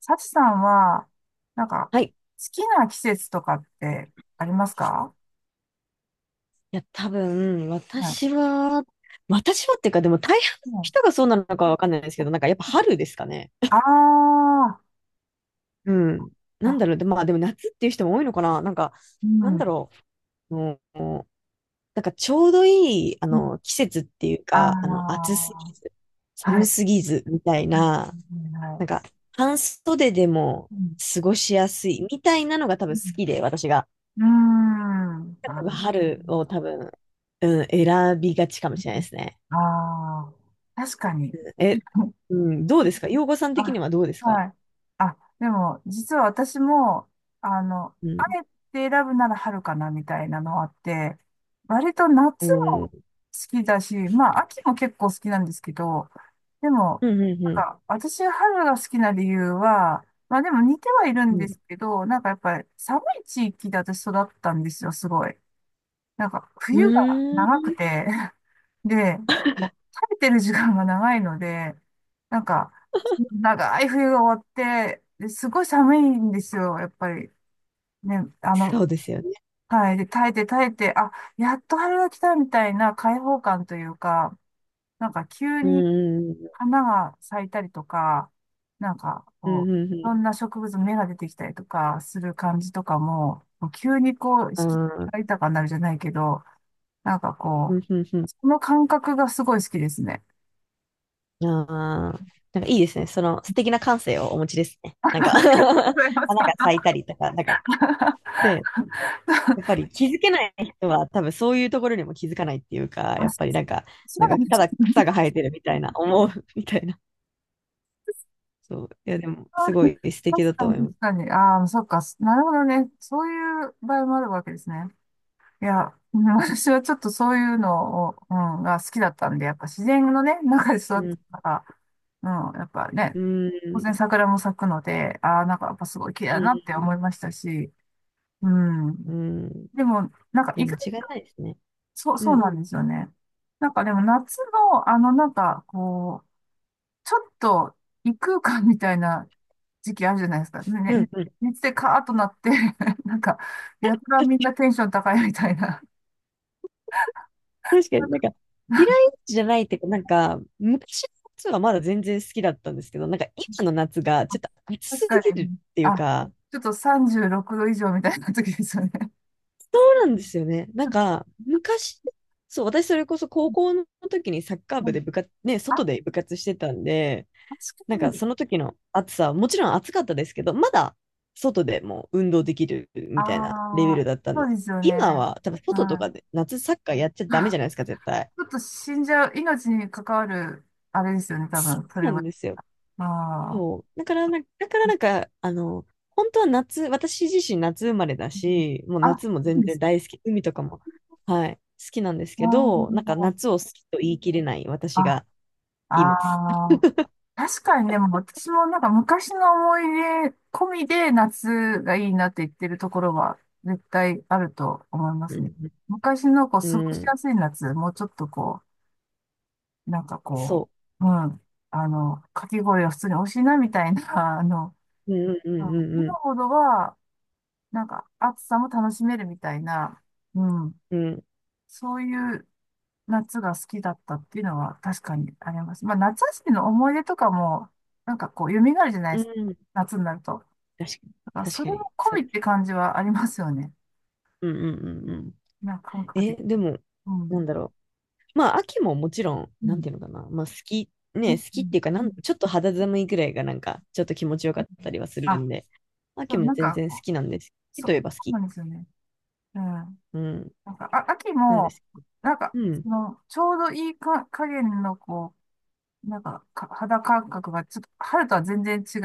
サチさんは、なんか、はい。い好きな季節とかってありますか？や、多分、はい。私は、っていうか、でも大半うのん人がそうなのかわかんないですけど、なんかやっぱ春ですかね。ああうん。ー、なんあ、だろう、で、まあでも夏っていう人も多いのかな。なんか、うなんん。だろう、もう、なんかちょうどいい、うん季節っていうか、あ暑すぎず、は寒い。すぎず、みたいはな、い。はなんか、半袖でもい。うん。過ごしやすい、みたいなのが多う分好ん。きで、私が。うーんあー、う春を多分、うん、選びがちかもしれないでんすね。あ確かに。え、うん、どうですか、洋子さん的にあ、はどうですはか？い。あ、でも、実は私も、あの、うあん。えて選ぶなら春かな、みたいなのあって、割とお夏も好ー、きだし、まあ、秋も結構好きなんですけど、でも、うん、うん、うん。私が春が好きな理由は、まあでも似てはいるんでうすけど、なんかやっぱり寒い地域で私育ったんですよ、すごい。なんか、ん。冬がう長くーん。てで、もう食べてる時間が長いので、なんか、長い冬が終わって、ですごい寒いんですよ、やっぱり。ね、あの、そうですよね。はい。で、耐えて耐えて、あ、やっと春が来たみたいな開放感というか、なんか急うにん、うん、花が咲いたりとか、なんかうこん、うん。ういろん、んな植物の芽が出てきたりとかする感じとかも、もう急にこう、四季あ、が豊かになるじゃないけど、なんかこうう、ん、うん、うその感覚がすごい好きですね。ん。ああ。なんかいいですね。その素敵な感性をお持ちですね。なんか ありがとうご花がざいます。あ、咲いたりとか、なんか、で、やっぱり気づけない人は多分そういうところにも気づかないっていうか、やっぱりなんか、そなうんかなんでたすだ草ね。が生えてるみたいな、思うみたいな。そう。いや、でも、すごい素敵確だかと思いに、ます。確かに。ああ、そっか。なるほどね。そういう場合もあるわけですね。いや、うん、私はちょっとそういうのを、うん、が好きだったんで、やっぱ自然のね、中で育っうん。たから、うん、やっぱうね、当ん。然桜も咲くので、ああ、なんかやっぱすごい綺麗だうなって思ん。いましたし、ううん。ん。うん、でも、なんかいや、意間外、違いないですね。そう、うそうん。なんですよね。なんかでも夏の、ちょっと異空間みたいな時期あるじゃないですか。ね、うん。ね、うん。熱でカーッとなって なんか、やたらみん なテンション高いみたいな。確かになんか、嫌いじゃないっていうか、なんか、昔の夏はまだ全然好きだったんですけど、なんか今の夏がちょっと暑確すぎかるに。っていうあ、か、ちょっと36度以上みたいな時ですよね。そうなんですよね。なんか、昔、そう、私それこそ高校の時にサッカーう部んで部活、ね、外確で部活してたんで、かなんかに。その時の暑さはもちろん暑かったですけど、まだ外でもう運動できるあみたいなレベルあ、だったんそでうです。すよね。今は多分外とはかい。で夏サッカーやっちゃダメじゃないですか、絶対。ちょっと死んじゃう、命に関わる、あれですよね、多そ分、そうれなんは。ですよ。ああ。そう。だからなんか、本当は夏、私自身夏生まれだうんし、もうあ、夏もそ全うで然すね。大好き、海とかも、はい、好きなんですけど、なんあか夏を好きと言い切れないー私がいまあす。あ、確かにでも私もなんか昔の思い出込みで夏がいいなって言ってるところは絶対あると思いまうすね。ん、昔のこうう過ごしやん、すい夏、もうちょっとこう、なんかこそう、うん、あの、かき氷は普通に美味しいなみたいな、あの、う。うん、ううん、ん、う今ん、ほどはなんか暑さも楽しめるみたいな、うん、うん、そういう夏が好きだったっていうのは確かにあります。まあ、夏休みの思い出とかも、なんかこう、蘇るじゃないうですか。ん、うん。夏になると。確かに、だから確そかれに。も込そうみっですてね、感じはありますよね。うんうんうんうん。なんか感覚え、的に。でも、うなんん。だろう。まあ、秋ももちろん、うなんん。ていうのかな。まあ、好き、ね、好うきっていん。うか、なうん、んちょっと肌寒いぐらいが、なんか、ちょっと気持ちよかうん、ったりはするあ、んで、そ秋う、もなん全か然こ好う、きなんです。好きそというえば好そうき。なんですよね。うん。うなん、んか、あ、秋なんでも、すけど。なんか、うん、その、ちょうどいいか、加減の、肌感覚が、ちょっと、春とは全然違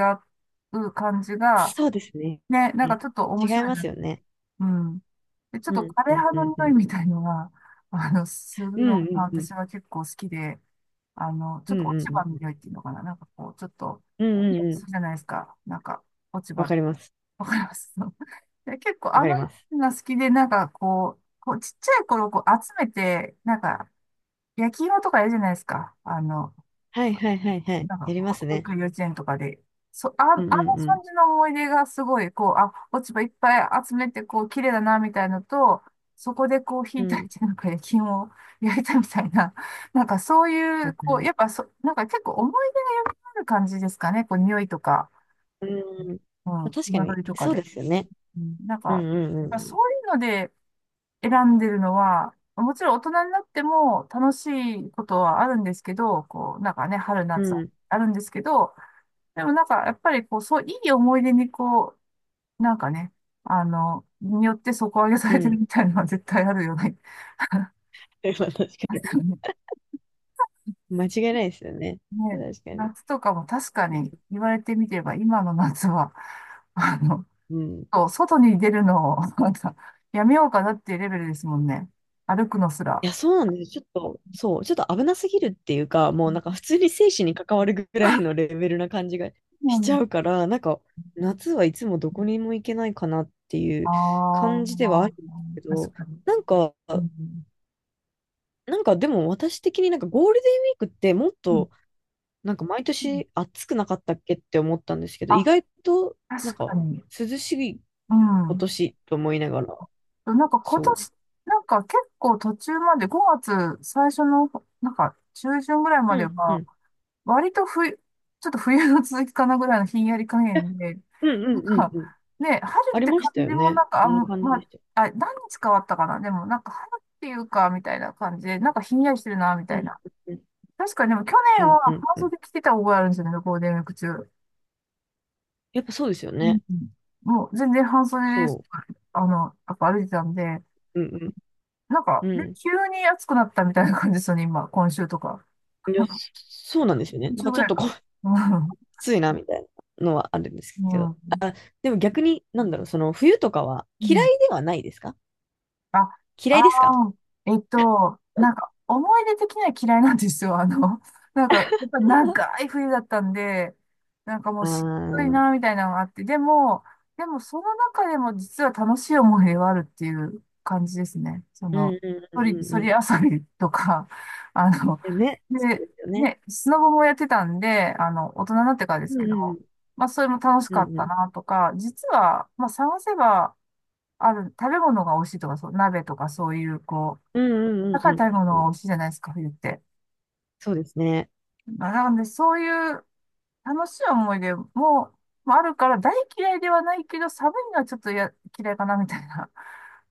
う感じが、そうですね。ね、なんかね、ちょっと面違い白いまな。すよね。うん。で、ちょっうと枯ん、うん、葉うのん、う匂いん。みたいのが、あの、するうのん、うがん、うん、私は結構好きで、あの、ちうょん、っうと落ん、ちう葉のん、匂いっていうのかな。なんかこう、ちょっと、うん、うんう匂いんうん。するじゃないですか。なんか、落ち葉、わかります。わかります。 で、結構わあのかります。匂いが好きで、なんかこう、こうちっちゃい頃こう集めて、なんか、焼き芋とかやるじゃないですか。あの、はい、はい、はい、はい。なんか、やります保ね。育幼稚園とかで、そ、あ、あうのん、うん、うん。感じの思い出がすごい、こう、あ、落ち葉いっぱい集めて、こう、綺麗だな、みたいのと、そこでこう、う火炊いん。て、なんか焼き芋を焼いたみたいな、なんかそういう、こう、やっぱそ、なんか結構思い出がよくある感じですかね、こう、匂いとか、うん。まうあん、確かに、彩りとかそうでで。すよね。うん、なんか、うやんっうんうぱそん。ういうので選んでるのは、もちろん大人になっても楽しいことはあるんですけど、こう、なんかね、春う夏ん、あるんですけど、でもなんか、やっぱりこう、そう、いい思い出にこう、なんかね、あの、によって底上げさうれてるん。みたいなのは絶対あるよね。それは確かに。間違いないですよね。ね、確かに。夏とかも確かに言われてみれば、今の夏は、あの、うん。いそう外に出るのを、なんか、やめようかなっていうレベルですもんね。歩くのすら。や、そうなんです。ちょっと、そう、ちょっと危なすぎるっていうか、もうなんかあ普通に生死に関わるぐらいのレベルな感じがしちゃうから、なんか夏はいつもどこにも行けないかなっていあう感じではああ、るんですけ確ど、かに。なんか、うんなんかでも私的になんかゴールデンウィークってもっうんとなんか毎うん、年暑くなかったっけって思ったんですけど、意あ、外となん確かかに。涼しいう今ん。年と思いながら、なんか今そう。年、なんか結構途中まで、5月最初の、なんか中旬ぐらいまうでん、うは、ん、割と冬、ちょっと冬の続きかなぐらいのひんやり加減で、うん、うなんん、うん、かうん。ね、春あっりてま感したよじもね。なんか、あそんなん、感じまであ、した。あ、何日変わったかな、でもなんか春っていうか、みたいな感じで、なんかひんやりしてるな、みうたいん、な。うん、確かにでも去う年はん、うん。半うん、袖着てた覚えあるんですよね、ゴールデンウィーク中。やっぱそうですようん、ね。うん、もう全然半そ袖で、あの、やっぱ歩いてたんで、う。うん、なんうか、ん、で、う急に暑くなったみたいな感じですよね、今、今週とか。ん。いや、そうなんですよね。今なん週かぐちょっらいとこかう、な。きついな、みたいなのはあるんですうけん。うど。ん。あ、でも逆に、なんだろう、その冬とかはう嫌んいではないですか？あ、嫌あいですか？あ、えっと、なんか、思い出的には嫌いなんですよ。あの、なんか、やっぱり長い冬だったんで、なんかもあうしんどいあー、な、みたいなのがあって、でも、でもその中でも実は楽しい思い出はあるっていう感じですね。そうの、ん、うん、うそん、り、うん。うそりん、遊びとか、あの、よね。そで、うですよね。ね、スノボもやってたんで、あの、大人になってからですうけど、んまあ、それも楽しうかっんうたん。な、とか、実は、まあ、探せば、ある、食べ物が美味しいとか、そう、鍋とかそういう、こう、うんうん。うん高うんうい食んべ物うんうが美ん。味しいじゃないですか、冬って。そうですね。まあ、なので、そういう楽しい思い出も、まあ、あるから、大嫌いではないけど、寒いのはちょっとや嫌いかな、みたいな、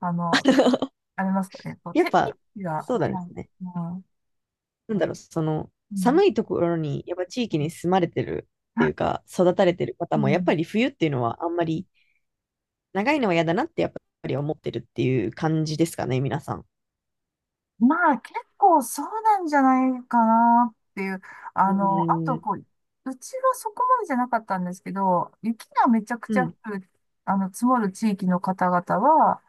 あの、ありますかね。こう、やっ天ぱ、気が、そうなんではすい、ね。うん、なんだろう、その、うん、寒いところに、やっぱ地域に住まれてるっていうか、育たれてる方うも、やっん。ぱり冬っていうのはあんまり、長いのは嫌だなって、やっぱり思ってるっていう感じですかね、皆さん。まあ結構そうなんじゃないかなっていう。うあの、あとん、こう、うちはそこまでじゃなかったんですけど、雪がめちゃくちゃう降る、あの、積もる地域の方々は、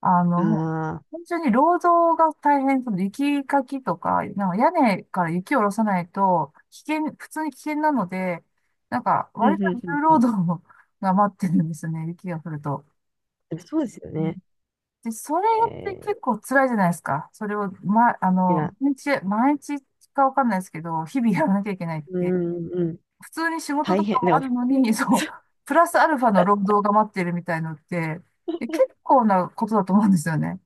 あん。の、もう、ああ、本当に労働が大変、その雪かきとか、なんか屋根から雪を下ろさないと、危険、普通に危険なので、なんか、うん、う割とん、うん、重う労ん。働が待ってるんですよね、雪が降ると。でもそうですよね。で、それって結え構辛いじゃないですか。それを、ま、あー、いの、や、毎日かわかんないですけど、日々やらなきゃいけないっうて、ん、うん。普通に仕事大と変。かでもあも、るの に、そう、プラスアルファの労働が待ってるみたいのって、で、結構なことだと思うんですよね。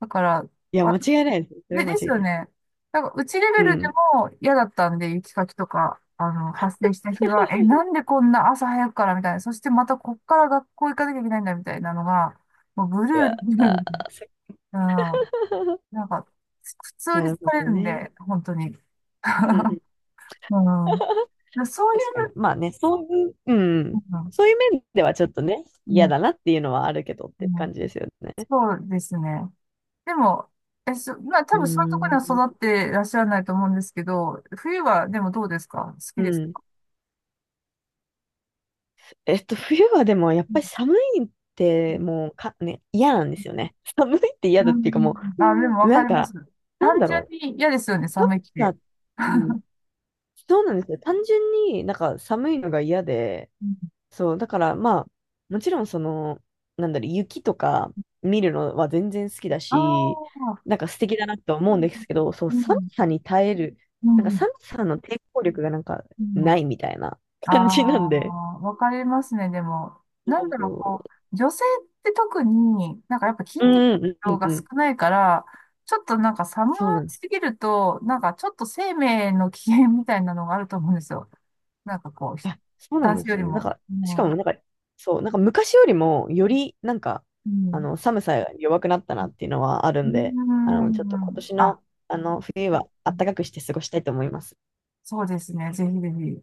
だから、いや、間わ違いないです。それで、はです間違いよない。ね。なんか、うちレベうルでん。も嫌だったんで、雪かきとか、あの、発生した日は、え、なんでこんな朝早くからみたいな、そしてまたこっから学校行かなきゃいけないんだみたいなのが、もうブうルーで、わ、ブルあーで、ー、そ うん。なんか、普通にな疲るほれどるんね。で、本当に。うんう うん。ん だか らそうい確かに。う、まあね、そういう、ううん。ん、そういう面ではちょっとね、う嫌ん、だなっていうのはあるけどっうてん、感じですよね。そうですね。でも、え、そ、まあう多ー分そういうところにん。は育っていらっしゃらないと思うんですけど、冬はでもどうですか、好うきですん。か？えっと、冬はでもやっうん、ぱり寒いっうてんもうか、ね、嫌なんですよね。寒いって嫌だうっん、ていうかもう、あ、でうん、もわなかんりまか、す。なん単だろ純に嫌ですよね、う。寒寒いって。さ、うん。そうなんですよ。単純になんか寒いのが嫌で、うん、そう、だからまあ、もちろんその、なんだろう、雪とか見るのは全然好きだあし、あ、なんか素敵だなと思ううんん、ですけど、そう、う寒ん、さに耐える、うなんかん、寒さの抵抗力がなんかうん。ないみたいなあ感じなんで。あ、わかりますね。でも、なんだろそう、こう、女性って特に、なんかやっぱ筋う、う肉んうんう量んがう少ん。ないから、ちょっとなんか寒そうなんですす。ぎると、なんかちょっと生命の危険みたいなのがあると思うんですよ。なんかこう、あ、そうなん男で性すよよりね。なんも。か、うしかん。うもなん。んか、そう、なんか昔よりもよりなんか、寒さが弱くなったなっていうのはあるうんで、ちょっとん。う今ん年あ、の、あの、冬はう暖ん、かくして過ごしたいと思います。そうですね。ぜひぜひ。